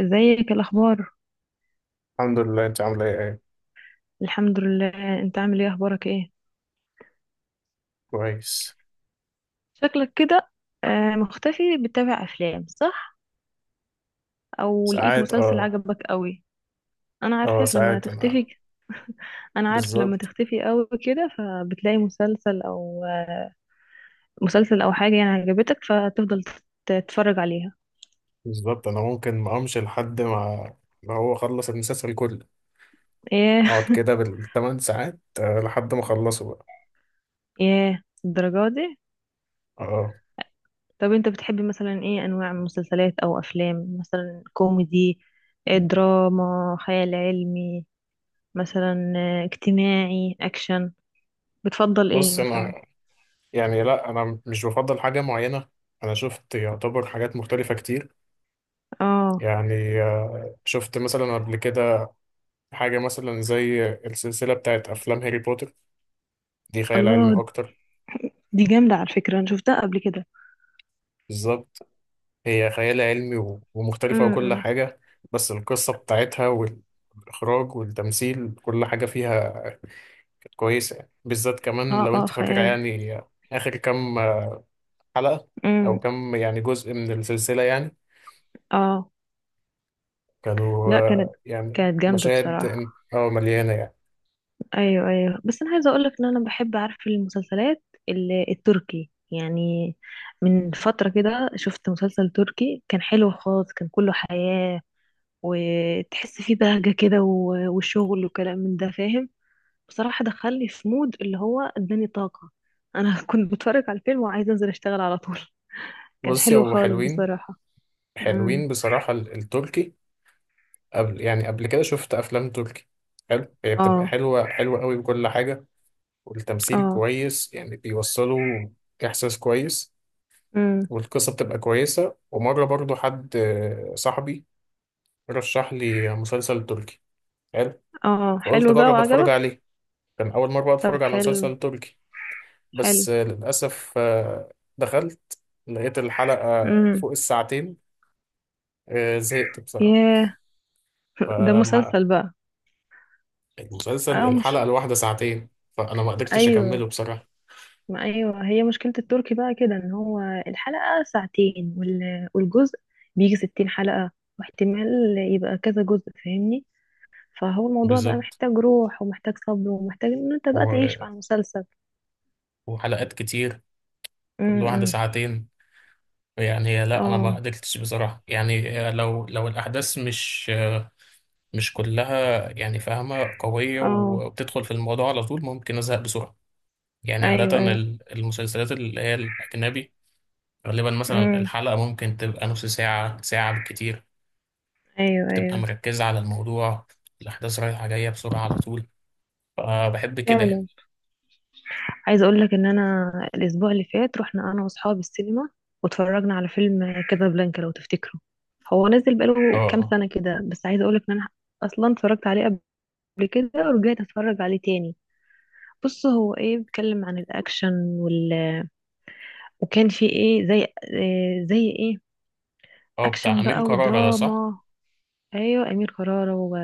ازيك الاخبار؟ الحمد لله، انت عامله ايه؟ الحمد لله. انت عامل ايه؟ اخبارك ايه؟ كويس. شكلك كده. مختفي، بتتابع افلام صح؟ او لقيت ساعات مسلسل اه. عجبك قوي؟ انا اه عارفك لما ساعات انا تختفي. انا عارف لما بالظبط. تختفي قوي كده، فبتلاقي مسلسل او حاجه يعني عجبتك فتفضل تتفرج عليها. بالظبط، انا ممكن ما امشي لحد ما، هو خلص المسلسل كله. ايه؟ اقعد كده بالثمان ساعات لحد ما اخلصه بقى. ايه الدرجه دي؟ اه. طب انت بتحبي مثلا ايه انواع من مسلسلات او افلام؟ مثلا كوميدي، دراما، خيال علمي مثلا، اجتماعي، اكشن، بتفضل ايه بص مثلا؟ انا، يعني لا انا مش بفضل حاجه معينه. انا شفت يعتبر حاجات مختلفه كتير. اه. يعني شفت مثلا قبل كده حاجه مثلا زي السلسله بتاعت افلام هاري بوتر. دي خيال علمي الله، اكتر. دي جامدة على فكرة، أنا شفتها قبل كده. بالظبط. هي خيال علمي و- ومختلفة وكل امم. حاجة. بس القصة بتاعتها والإخراج والتمثيل كل حاجة فيها كانت كويسة يعني. بالذات كمان اه، لو اه، أنت فاكرة خيال. يعني آخر كام حلقة أو امم. كام يعني جزء من السلسلة يعني اه، كانوا لا، كانت يعني جامدة مشاهد بصراحة. مليانة يعني. ايوه، ايوه، بس انا عايزه اقول لك ان انا بحب اعرف المسلسلات التركي يعني. من فتره كده شفت مسلسل تركي كان حلو خالص، كان كله حياه، وتحس فيه بهجه كده، و- وشغل وكلام من ده، فاهم. بصراحة دخلني في مود اللي هو اداني طاقة. انا كنت بتفرج على الفيلم وعايزة انزل اشتغل على طول. كان بصي حلو هو خالص حلوين. بصراحة. امم. حلوين بصراحة التركي. قبل يعني قبل كده شفت أفلام تركي حلو. هي بتبقى اه، حلوة حلوة قوي بكل حاجة. والتمثيل اه. كويس يعني، بيوصلوا إحساس كويس. امم. والقصة بتبقى كويسة. ومرة برضو حد، صاحبي، رشح لي مسلسل تركي حلو. اه، فقلت حلو بقى أجرب أتفرج وعجبك؟ عليه. كان أول مرة طب أتفرج على حلو. مسلسل تركي. حلو. بس للأسف، دخلت لقيت الحلقة امم. فوق الساعتين. زهقت بصراحة. ياه. ده فما، مسلسل بقى؟ المسلسل اه، الحلقة مش الواحدة ساعتين. فأنا ما قدرتش أكمله ايوه. بصراحة. ما ايوه، هي مشكلة التركي بقى كده، ان هو الحلقة ساعتين والجزء بيجي 60 حلقة، واحتمال يبقى كذا جزء، فاهمني؟ فهو الموضوع بقى بالظبط. محتاج روح، ومحتاج صبر، ومحتاج ان انت بقى تعيش و- مع المسلسل. وحلقات كتير كل واحدة امم. ساعتين. يعني لا أنا ما اه، قدرتش بصراحة يعني. لو الأحداث مش، مش كلها يعني فاهمة قوية اه. وبتدخل في الموضوع على طول، ممكن أزهق بسرعة. يعني عادة ايوه، ايوه. المسلسلات اللي هي الأجنبي، غالبا مثلا امم. الحلقة ممكن تبقى نص ساعة ساعة بالكتير. ايوه، وبتبقى ايوه، مركزة على الموضوع، الأحداث رايحة جاية بسرعة على طول، فبحب كده يعني. فعلا. عايزه اقول لك ان انا الاسبوع اللي فات رحنا انا واصحابي السينما، واتفرجنا على فيلم كازابلانكا، لو تفتكره، هو نزل بقاله كام اه. سنه كده، بس عايزه اقول لك ان انا اصلا اتفرجت عليه قبل كده ورجعت اتفرج عليه تاني. بص، هو ايه؟ بيتكلم عن الاكشن وكان في ايه، زي إيه زي ايه، اه، بتاع اكشن بقى أمير كرارة ده، صح؟ ودراما. ايوه، امير كرارة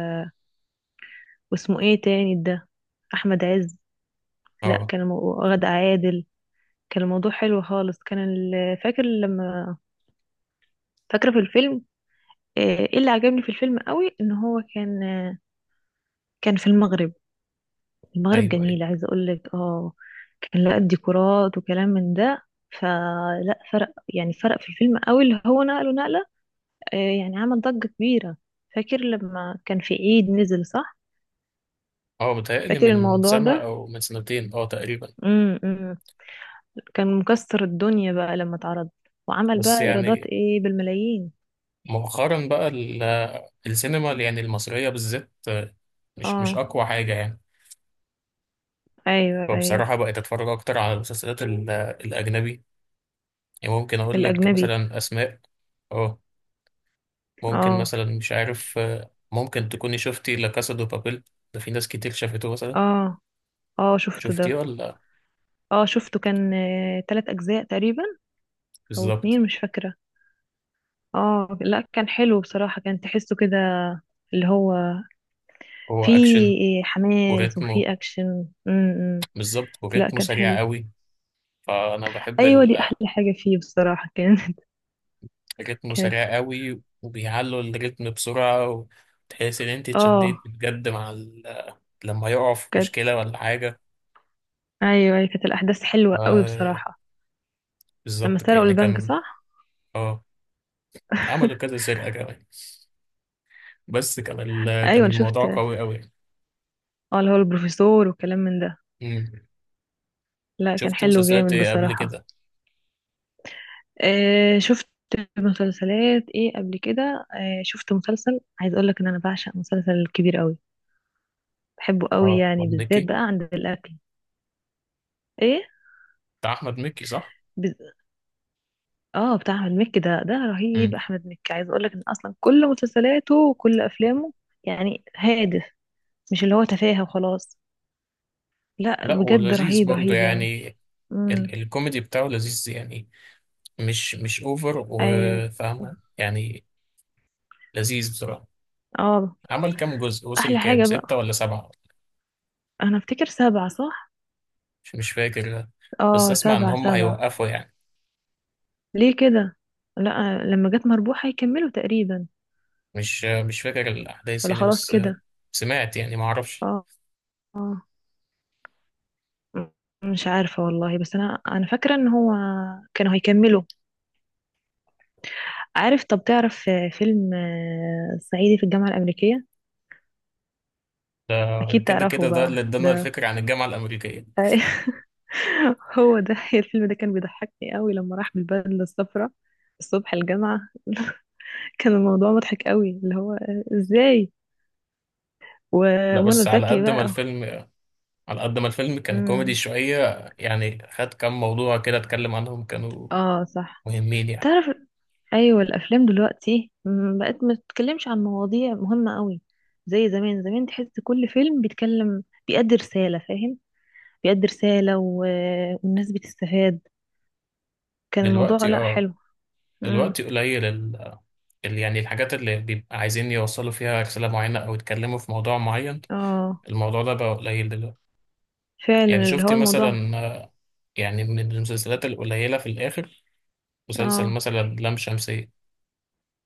واسمه ايه تاني ده؟ احمد عز. لا، اه. كان غادة عادل. كان الموضوع حلو خالص، كان فاكره في الفيلم، ايه اللي عجبني في الفيلم قوي؟ ان هو كان في المغرب، المغرب أيوه أيوه. جميل عايزه اقول لك. اه كان لقى ديكورات وكلام من ده، فلا فرق يعني، فرق في الفيلم قوي اللي هو، نقله نقله، آه، يعني عمل ضجه كبيره. فاكر لما كان في عيد نزل صح؟ اه، بيتهيألي فاكر من الموضوع سنة ده؟ أو من سنتين اه تقريبا. امم، كان مكسر الدنيا بقى لما اتعرض، وعمل بس بقى ايرادات يعني ايه بالملايين. مؤخرا بقى السينما يعني المصرية بالذات مش، مش اه. أقوى حاجة يعني. ايوه، ايوه، فبصراحة بقيت أتفرج أكتر على المسلسلات الأجنبي. يعني ممكن أقول لك الاجنبي. مثلا أسماء. أه. ممكن اه، مثلا مش عارف، ممكن تكوني شفتي لا كاسا دو بابيل. ده في ناس كتير شافته مثلا. اه، اه، شفته ده. شفتيه ولا؟ اه، شفته، كان 3 اجزاء تقريبا، او بالظبط. اتنين مش فاكرة. اه، لا، كان حلو بصراحة، كان تحسه كده، اللي هو هو أكشن فيه حماس وريتمه، وفيه اكشن. امم. بالظبط لا، وريتمه كان سريع حلو. قوي. فأنا بحب ايوه، دي احلى حاجة فيه بصراحة، كان رتمه كانت سريع قوي وبيعلوا الريتم بسرعة. وتحس إن أنت اتشديت اه بجد مع ال... لما يقع في كانت مشكلة ولا حاجة. ايوه، أيوة، كانت الاحداث حلوة قوي آه. بصراحة. لما بالظبط كده. سرقوا يعني البنك كان، صح؟ اه، عملوا كذا سرقة كمان. بس كان ال... ايوه، كان انا شفت، الموضوع قوي قوي يعني. اللي هو البروفيسور وكلام من ده. مم. لا، كان شفت حلو مسلسلات جامد إيه قبل بصراحة. كده؟ آه، شفت مسلسلات ايه قبل كده؟ آه، شفت مسلسل، عايز اقول لك ان انا بعشق مسلسل كبير قوي، بحبه قوي اه، يعني، أحمد بالذات مكي، بقى عند الاكل. ايه؟ بتاع أحمد مكي صح؟ بز... اه، بتاع احمد مكي ده ده رهيب. مم. احمد مكي عايز اقول لك ان اصلا كل مسلسلاته وكل افلامه يعني هادف، مش اللي هو تفاهة وخلاص. لا لا بجد، ولذيذ رهيب برضه رهيب يعني. يعني. ال... امم. الكوميدي بتاعه لذيذ يعني. مش، مش أوفر ايوه. وفاهمة يعني. لذيذ بصراحة. اه، عمل كام جزء؟ وصل احلى كام؟ حاجة بقى. ستة ولا سبعة؟ انا افتكر سبعة صح؟ مش فاكر. بس اه، أسمع إن سبعة، هم سبعة. هيوقفوا يعني. ليه كده؟ لا، لما جت مربوح هيكملوا تقريبا. مش فاكر الأحداث ولا يعني. خلاص بس كده؟ سمعت يعني، ما أعرفش. اه. اه. م- مش عارفة والله، بس انا فاكرة ان هو كانوا هيكملوا. عارف، طب تعرف فيلم صعيدي في الجامعة الأمريكية؟ اكيد كده كده تعرفه ده اللي بقى ادانا ده. الفكرة عن الجامعة الأمريكية. هو ده الفيلم ده، كان بيضحكني قوي لما راح بالبدلة الصفراء الصبح الجامعة. كان الموضوع مضحك قوي، اللي هو ازاي لا بس ومنى على زكي قد ما بقى. الفيلم، على قد ما الفيلم كان كوميدي امم. شوية يعني، خد كام موضوع كده اتكلم عنهم كانوا اه، صح. مهمين يعني. تعرف، ايوه، الافلام دلوقتي بقت ما تتكلمش عن مواضيع مهمه قوي زي زمان. زمان تحس كل فيلم بيتكلم، بيأدي رساله، فاهم؟ بيأدي رساله والناس بتستفاد. كان الموضوع دلوقتي لا، اه، حلو. امم. دلوقتي قليل ال، يعني الحاجات اللي بيبقى عايزين يوصلوا فيها رسالة معينة أو يتكلموا في موضوع معين، اه، الموضوع ده بقى قليل دلوقتي. فعلا، يعني اللي شفتي هو الموضوع. مثلا، يعني من المسلسلات القليلة في الآخر، مسلسل اه، مثلا لام شمسية.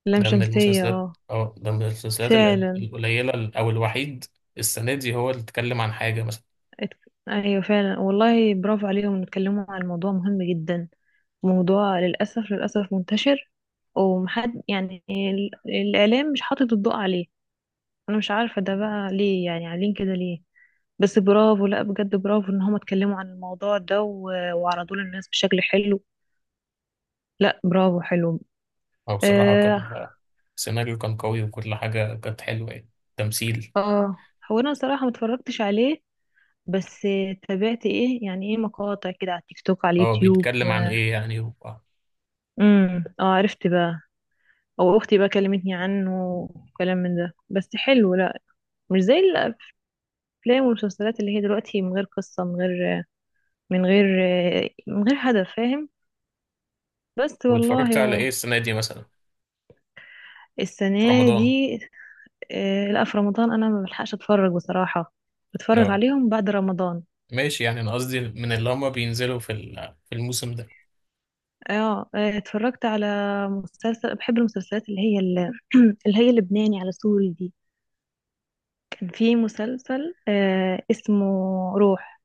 لام ده من شمسيه المسلسلات، اه. أو ده من المسلسلات فعلا. القليلة ال- أو الوحيد السنة دي هو اللي اتكلم عن حاجة مثلا. ات... ايوه، فعلا والله، برافو عليهم إنه اتكلموا عن موضوع مهم جدا. موضوع للاسف، للاسف منتشر ومحد يعني، الاعلام مش حاطط الضوء عليه. انا مش عارفه ده بقى ليه يعني، عاملين كده ليه؟ بس برافو، لا بجد، برافو ان هم اتكلموا عن الموضوع ده، و- وعرضوه للناس بشكل حلو. لا برافو، حلو. أو بصراحة اه. كان، السيناريو كان قوي وكل حاجة كانت حلوة يعني، تمثيل. آه. هو انا صراحه ما اتفرجتش عليه، بس تابعت ايه يعني، ايه مقاطع كده على التيك توك، على هو اليوتيوب بيتكلم عن إيه يعني و-؟ امم. اه، عرفت بقى، او اختي بقى كلمتني عنه وكلام من ده، بس حلو. لا، مش زي الافلام والمسلسلات اللي هي دلوقتي، من غير قصه، من غير من غير هدف، فاهم؟ بس والله واتفرجت على هو إيه السنة دي مثلا في السنة رمضان؟ دي، لا في رمضان أنا ما بلحقش أتفرج بصراحة، بتفرج أه عليهم بعد رمضان. ماشي، يعني أنا قصدي من اللي هما بينزلوا في ال- في الموسم ده. اه، اتفرجت على مسلسل، بحب المسلسلات اللي هي اللي هي اللبناني على سوري دي. كان في مسلسل اسمه روح،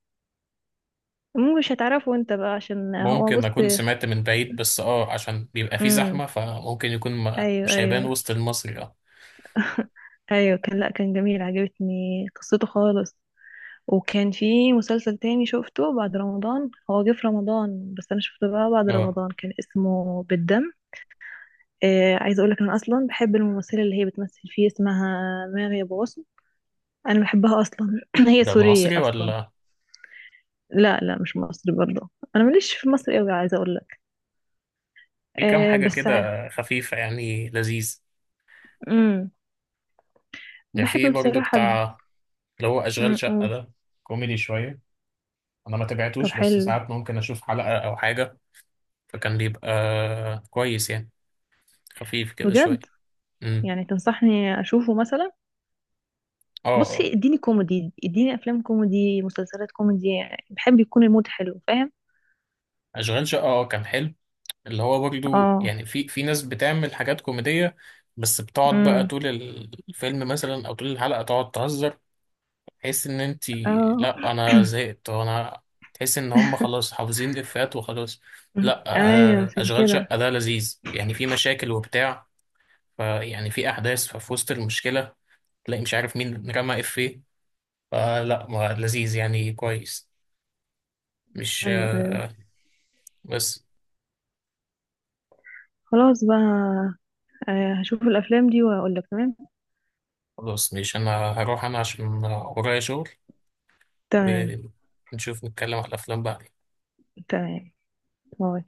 مو مش هتعرفه انت بقى عشان هو ممكن بص. أكون سمعت من بعيد بس اه، عشان بيبقى فيه امم. زحمة فممكن يكون ما ايوه، مش هيبان ايوه، وسط المصري. اه. ايوه، كان، لا كان جميل، عجبتني قصته خالص. وكان في مسلسل تاني شفته بعد رمضان، هو جه في رمضان بس انا شفته بقى بعد اه. رمضان، كان اسمه بالدم. عايزه اقول لك انا اصلا بحب الممثله اللي هي بتمثل فيه، اسمها ماغي ابو غصن. انا بحبها اصلا. هي ده سوريه العصري اصلا. ولا؟ لا، لا، مش مصري برضه، انا ماليش في مصر قوي عايزه اقول لك. في كام آه حاجة بس ع- كده خفيفة يعني لذيذ. امم. يعني في بحب برضو بصراحه. بتاع، اللي هو أشغال شقة مم. ده، كوميدي شوية. أنا ما طب تابعتوش، بس حلو. ساعات ممكن أشوف حلقة أو حاجة. فكان بيبقى كويس يعني، خفيف كده شوية. بجد امم. يعني تنصحني اشوفه مثلا؟ اه اه. بصي، اديني كوميدي، اديني افلام كوميدي، مسلسلات كوميدي، بحب يكون المود حلو، فاهم؟ أشغال شقة اه كان حلو. اللي هو برضو اه. يعني، في في ناس بتعمل حاجات كوميدية بس بتقعد بقى امم. طول الفيلم مثلا او طول الحلقة تقعد تهزر. تحس ان انت، اه. لا انا زهقت وانا، تحس ان هم خلاص حافظين افيهات وخلاص. لا ايوه، عشان اشغال كده. شقة ده لذيذ يعني، في مشاكل وبتاع، فيعني في احداث، ففي وسط المشكلة تلاقي مش عارف مين رمى افيه. فلا، ما لذيذ يعني، كويس، مش ايوه، ايوه. بس. خلاص بقى، هشوف الافلام دي واقول لك. تمام. خلاص، مش انا هروح انا عشان ورايا شغل، تمام. ونشوف نتكلم على الأفلام بعدين. تمام. باي.